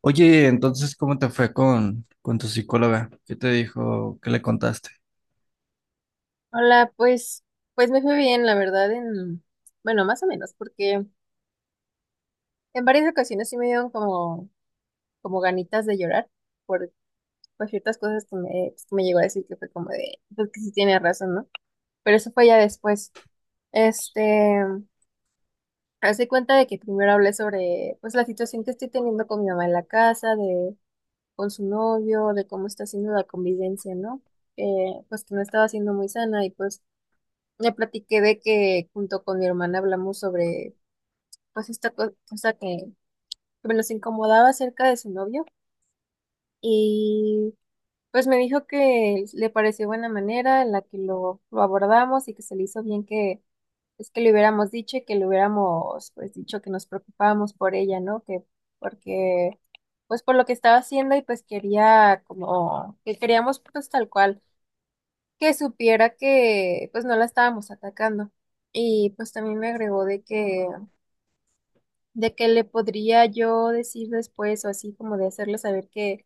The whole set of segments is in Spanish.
Oye, entonces, ¿cómo te fue con tu psicóloga? ¿Qué te dijo? ¿Qué le contaste? Hola, pues me fue bien, la verdad, bueno, más o menos, porque en varias ocasiones sí me dieron como ganitas de llorar por, por ciertas cosas pues, que me llegó a decir que fue como de, pues que sí tiene razón, ¿no? Pero eso fue ya después. Este, Hace cuenta de que primero hablé sobre, pues, la situación que estoy teniendo con mi mamá en la casa, con su novio, de cómo está haciendo la convivencia, ¿no? Pues que no estaba siendo muy sana y pues. Le platiqué de que junto con mi hermana hablamos sobre pues esta cosa que me los incomodaba acerca de su novio, y pues me dijo que le pareció buena manera en la que lo abordamos y que se le hizo bien que es que le hubiéramos dicho y que le hubiéramos pues dicho que nos preocupábamos por ella, ¿no? Que porque pues por lo que estaba haciendo y pues quería como que queríamos pues tal cual que supiera que pues no la estábamos atacando. Y pues también me agregó de que le podría yo decir después o así como de hacerle saber que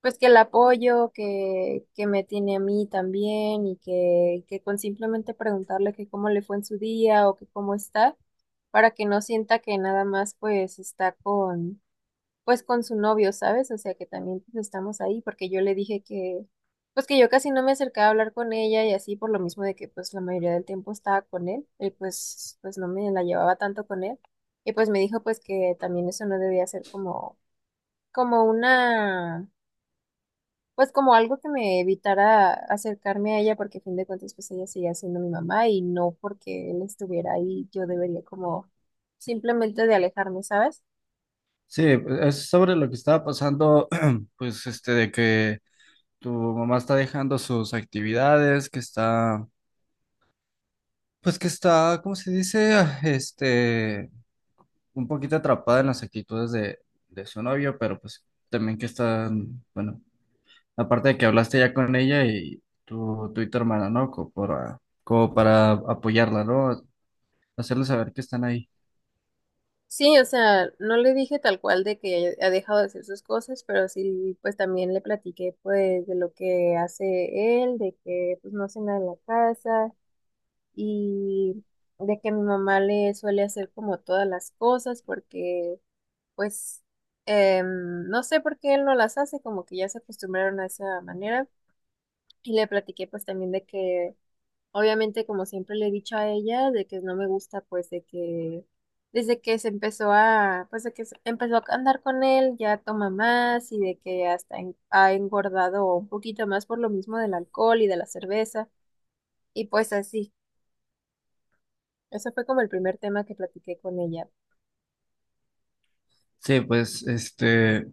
pues que el apoyo que me tiene a mí también y que con simplemente preguntarle que cómo le fue en su día o que cómo está para que no sienta que nada más pues está con pues con su novio, ¿sabes? O sea que también pues, estamos ahí porque yo le dije que, pues que yo casi no me acercaba a hablar con ella y así por lo mismo de que pues la mayoría del tiempo estaba con él pues, no me la llevaba tanto con él, y pues me dijo pues que también eso no debía ser como, como una, pues como algo que me evitara acercarme a ella porque a fin de cuentas pues ella seguía siendo mi mamá y no porque él estuviera ahí yo debería como simplemente de alejarme, ¿sabes? Sí, es sobre lo que estaba pasando, pues, este, de que tu mamá está dejando sus actividades, que está, pues, que está, ¿cómo se dice? Un poquito atrapada en las actitudes de su novio, pero pues también que está, bueno, aparte de que hablaste ya con ella y tu hermana, ¿no? Como para apoyarla, ¿no? Hacerle saber que están ahí. Sí, o sea, no le dije tal cual de que ha dejado de hacer sus cosas, pero sí, pues también le platiqué pues de lo que hace él, de que pues no hace nada en la casa y de que mi mamá le suele hacer como todas las cosas porque pues no sé por qué él no las hace, como que ya se acostumbraron a esa manera. Y le platiqué pues también de que obviamente, como siempre le he dicho a ella, de que no me gusta, pues de que desde que se empezó a, pues de que empezó a andar con él, ya toma más y de que hasta ha engordado un poquito más por lo mismo del alcohol y de la cerveza. Y pues así, eso fue como el primer tema que platiqué con ella. Sí, pues, este,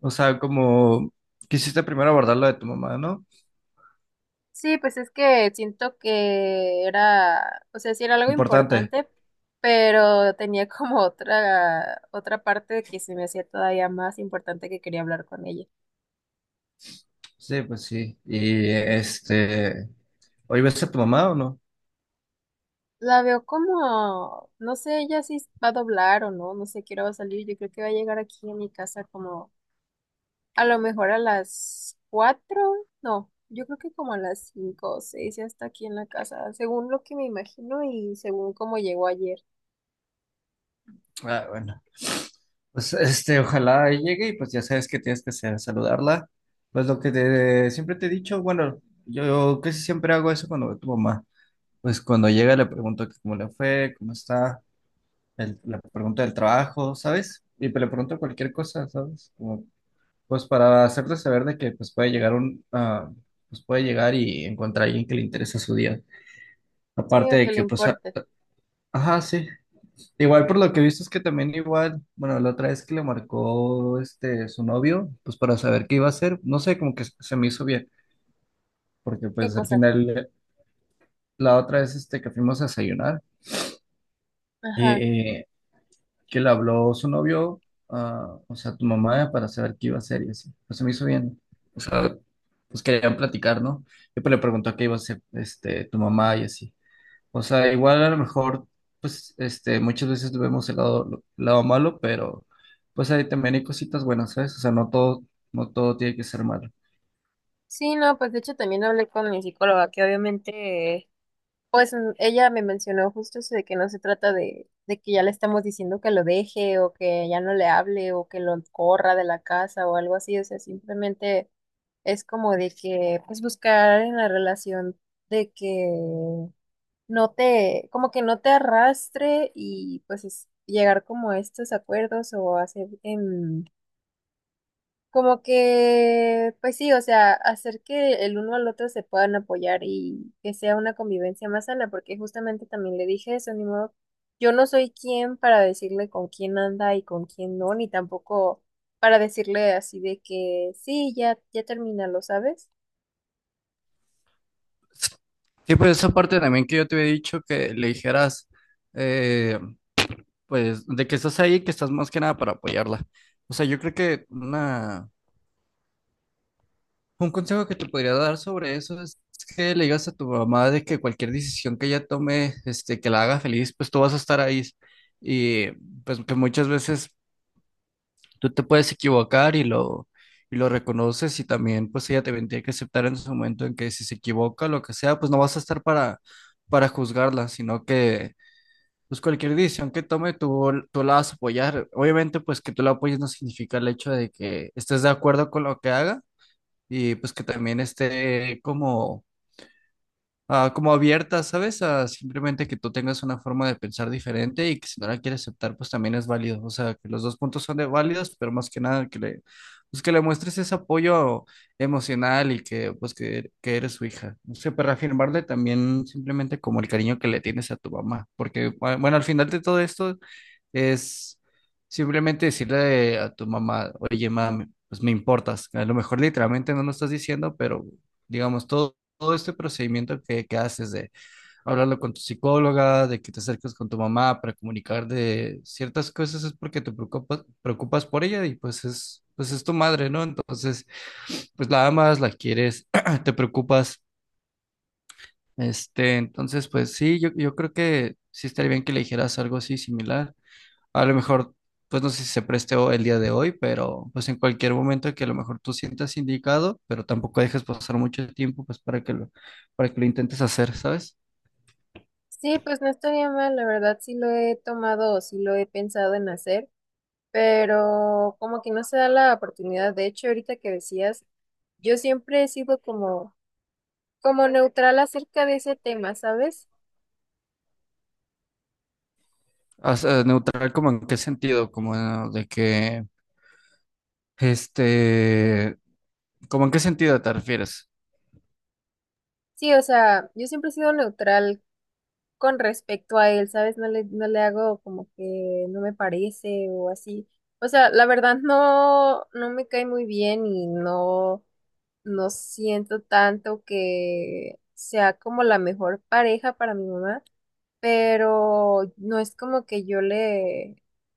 o sea, como quisiste primero abordar lo de tu mamá, ¿no? Sí, pues es que siento que era, o sea, sí era algo Importante. importante, pero tenía como otra parte que se me hacía todavía más importante que quería hablar con ella. Sí, pues sí. Y este, ¿hoy ves a tu mamá o no? La veo como, no sé ella si va a doblar o no, no sé qué hora va a salir, yo creo que va a llegar aquí a mi casa como a lo mejor a las 4, no, yo creo que como a las 5 o 6 ya está aquí en la casa, según lo que me imagino y según cómo llegó ayer. Ah, bueno. Pues este, ojalá llegue y pues ya sabes que tienes que hacer, saludarla. Pues lo que siempre te he dicho, bueno, yo casi siempre hago eso cuando veo a tu mamá. Pues cuando llega le pregunto que cómo le fue, cómo está, le pregunto del trabajo, ¿sabes? Y le pregunto cualquier cosa, ¿sabes? Como pues para hacerte saber de que pues puede llegar pues puede llegar y encontrar a alguien que le interesa su día. Sí, Aparte o de que le que pues importe, ajá, sí. Igual por lo que he visto es que también igual, bueno, la otra vez que le marcó este su novio, pues para saber qué iba a hacer, no sé, como que se me hizo bien, porque qué pues al cosa. final la otra vez este que fuimos a desayunar y Ajá. Que le habló su novio, ah, o sea, tu mamá para saber qué iba a hacer y así. Pues se me hizo bien. O sea, pues querían platicar, ¿no? Y pues le preguntó qué iba a hacer este, tu mamá y así. O sea, igual a lo mejor, pues, este, muchas veces vemos el lado, lado malo, pero pues ahí también hay cositas buenas, ¿sabes? No todo tiene que ser malo. Sí, no, pues de hecho también hablé con mi psicóloga, que obviamente, pues, ella me mencionó justo eso de que no se trata de que ya le estamos diciendo que lo deje o que ya no le hable o que lo corra de la casa o algo así, o sea, simplemente es como de que pues buscar en la relación de que como que no te arrastre y pues es llegar como a estos acuerdos o hacer como que, pues sí, o sea, hacer que el uno al otro se puedan apoyar y que sea una convivencia más sana, porque justamente también le dije eso, ni modo, yo no soy quien para decirle con quién anda y con quién no, ni tampoco para decirle así de que sí, ya, ya termínalo, ¿sabes? Sí, pues esa parte también que yo te había dicho que le dijeras, eh, pues, de que estás ahí, que estás más que nada para apoyarla. O sea, yo creo que una, un consejo que te podría dar sobre eso es que le digas a tu mamá de que cualquier decisión que ella tome, este, que la haga feliz, pues tú vas a estar ahí. Y pues que muchas veces tú te puedes equivocar y lo reconoces y también pues ella te tendría que aceptar en su momento en que si se equivoca, lo que sea, pues no vas a estar para juzgarla, sino que pues cualquier decisión que tome tú la vas a apoyar. Obviamente pues que tú la apoyes no significa el hecho de que estés de acuerdo con lo que haga y pues que también esté como, como abierta, ¿sabes? A simplemente que tú tengas una forma de pensar diferente y que si no la quieres aceptar, pues también es válido. O sea, que los dos puntos son de válidos, pero más que nada pues que le muestres ese apoyo emocional y que pues que eres su hija. No sé, para reafirmarle también simplemente como el cariño que le tienes a tu mamá, porque bueno, al final de todo esto es simplemente decirle a tu mamá, oye, mamá, pues me importas. A lo mejor literalmente no lo estás diciendo, pero digamos, todo este procedimiento que haces de hablarlo con tu psicóloga, de que te acerques con tu mamá para comunicar de ciertas cosas, es porque te preocupas, preocupas por ella y pues pues es tu madre, ¿no? Entonces, pues la amas, la quieres, te preocupas. Este, entonces, pues sí, yo creo que sí estaría bien que le dijeras algo así similar. A lo mejor, pues no sé si se preste el día de hoy, pero pues en cualquier momento que a lo mejor tú sientas indicado, pero tampoco dejes pasar mucho tiempo, pues para que lo intentes hacer, ¿sabes? Sí, pues no estaría mal, la verdad sí lo he tomado o sí lo he pensado en hacer, pero como que no se da la oportunidad. De hecho, ahorita que decías, yo siempre he sido como neutral acerca de ese tema, ¿sabes? O sea, neutral, ¿como en qué sentido? Como este, como en qué sentido te refieres. Sí, o sea, yo siempre he sido neutral con respecto a él, ¿sabes? No le hago como que no me parece o así. O sea, la verdad no me cae muy bien y no siento tanto que sea como la mejor pareja para mi mamá. Pero no es como que yo le,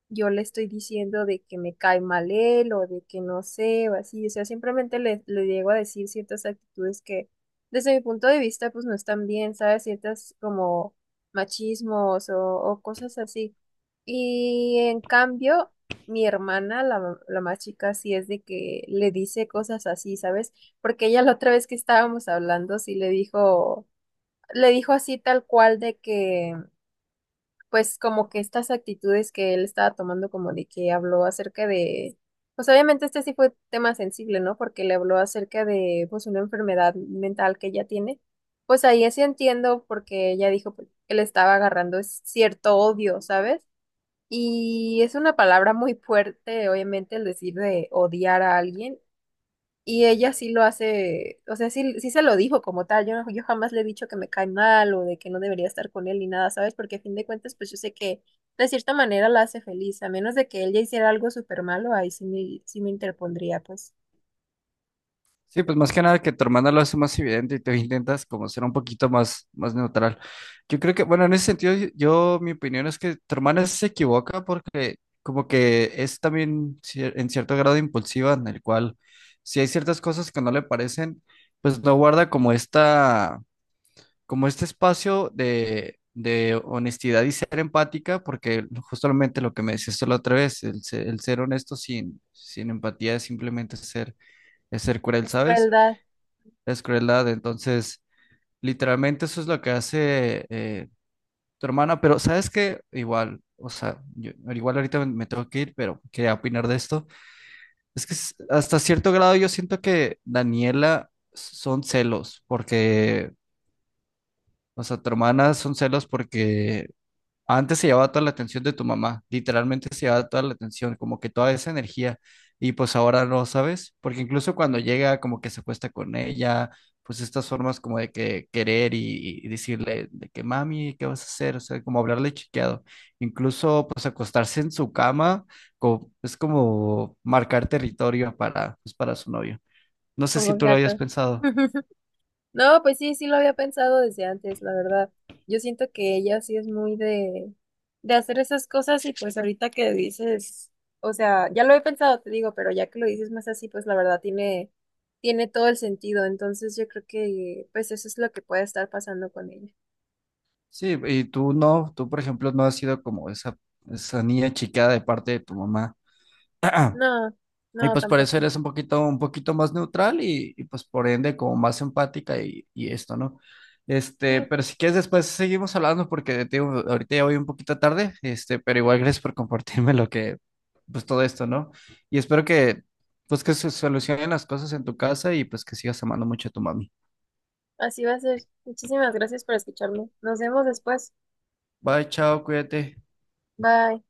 yo le estoy diciendo de que me cae mal él o de que no sé o así, o sea, simplemente le llego a decir ciertas actitudes que desde mi punto de vista pues no están bien, ¿sabes? Ciertas como machismos o cosas así. Y en cambio, mi hermana, la más chica, sí es de que le dice cosas así, ¿sabes? Porque ella la otra vez que estábamos hablando, sí le dijo así tal cual de que pues como que estas actitudes que él estaba tomando, como de que habló acerca de, pues obviamente este sí fue tema sensible, ¿no? Porque le habló acerca de pues una enfermedad mental que ella tiene. Pues ahí sí entiendo porque ella dijo pues, que le estaba agarrando cierto odio, ¿sabes? Y es una palabra muy fuerte, obviamente, el decir de odiar a alguien, y ella sí lo hace, o sea, sí, sí se lo dijo como tal. Yo jamás le he dicho que me cae mal o de que no debería estar con él ni nada, ¿sabes? Porque a fin de cuentas, pues yo sé que de cierta manera la hace feliz, a menos de que ella hiciera algo súper malo, ahí sí me interpondría, pues. Sí, pues más que nada que tu hermana lo hace más evidente y tú intentas como ser un poquito más, más neutral. Yo creo que, bueno, en ese sentido, mi opinión es que tu hermana sí se equivoca porque como que es también en cierto grado impulsiva, en el cual si hay ciertas cosas que no le parecen, pues no guarda como esta, como este espacio de honestidad y ser empática, porque justamente lo que me decías tú la otra vez, el ser honesto sin empatía es simplemente ser, es ser cruel, Es ¿sabes? crueldad. Es crueldad. Entonces, literalmente eso es lo que hace tu hermana, pero ¿sabes qué? Igual, o sea, yo, igual ahorita me tengo que ir, pero quería opinar de esto. Es que hasta cierto grado yo siento que Daniela son celos, porque, o sea, tu hermana son celos porque antes se llevaba toda la atención de tu mamá, literalmente se llevaba toda la atención, como que toda esa energía, y pues ahora no, ¿sabes? Porque incluso cuando llega, como que se acuesta con ella, pues estas formas como de que querer y decirle de que mami, ¿qué vas a hacer? O sea, como hablarle chiqueado. Incluso pues acostarse en su cama, es como marcar territorio para, pues, para su novio. No sé Como si un tú lo habías gato. pensado. No, pues sí, sí lo había pensado desde antes, la verdad. Yo siento que ella sí es muy de hacer esas cosas y pues ahorita que dices, o sea, ya lo he pensado, te digo, pero ya que lo dices más así, pues la verdad tiene todo el sentido. Entonces yo creo que pues eso es lo que puede estar pasando con ella. Sí, tú por ejemplo no has sido como esa niña chiqueada de parte de tu mamá. No, Y no, pues por eso tampoco. eres un poquito más neutral pues por ende como más empática y esto, ¿no? Sí, Este, pero si quieres después seguimos hablando porque te digo, ahorita ya voy un poquito tarde, este, pero igual gracias por compartirme lo que, pues todo esto, ¿no? Y espero que, pues que se solucionen las cosas en tu casa y pues que sigas amando mucho a tu mami. así va a ser. Muchísimas gracias por escucharme. Nos vemos después. Bye, chao, cuídate. Bye.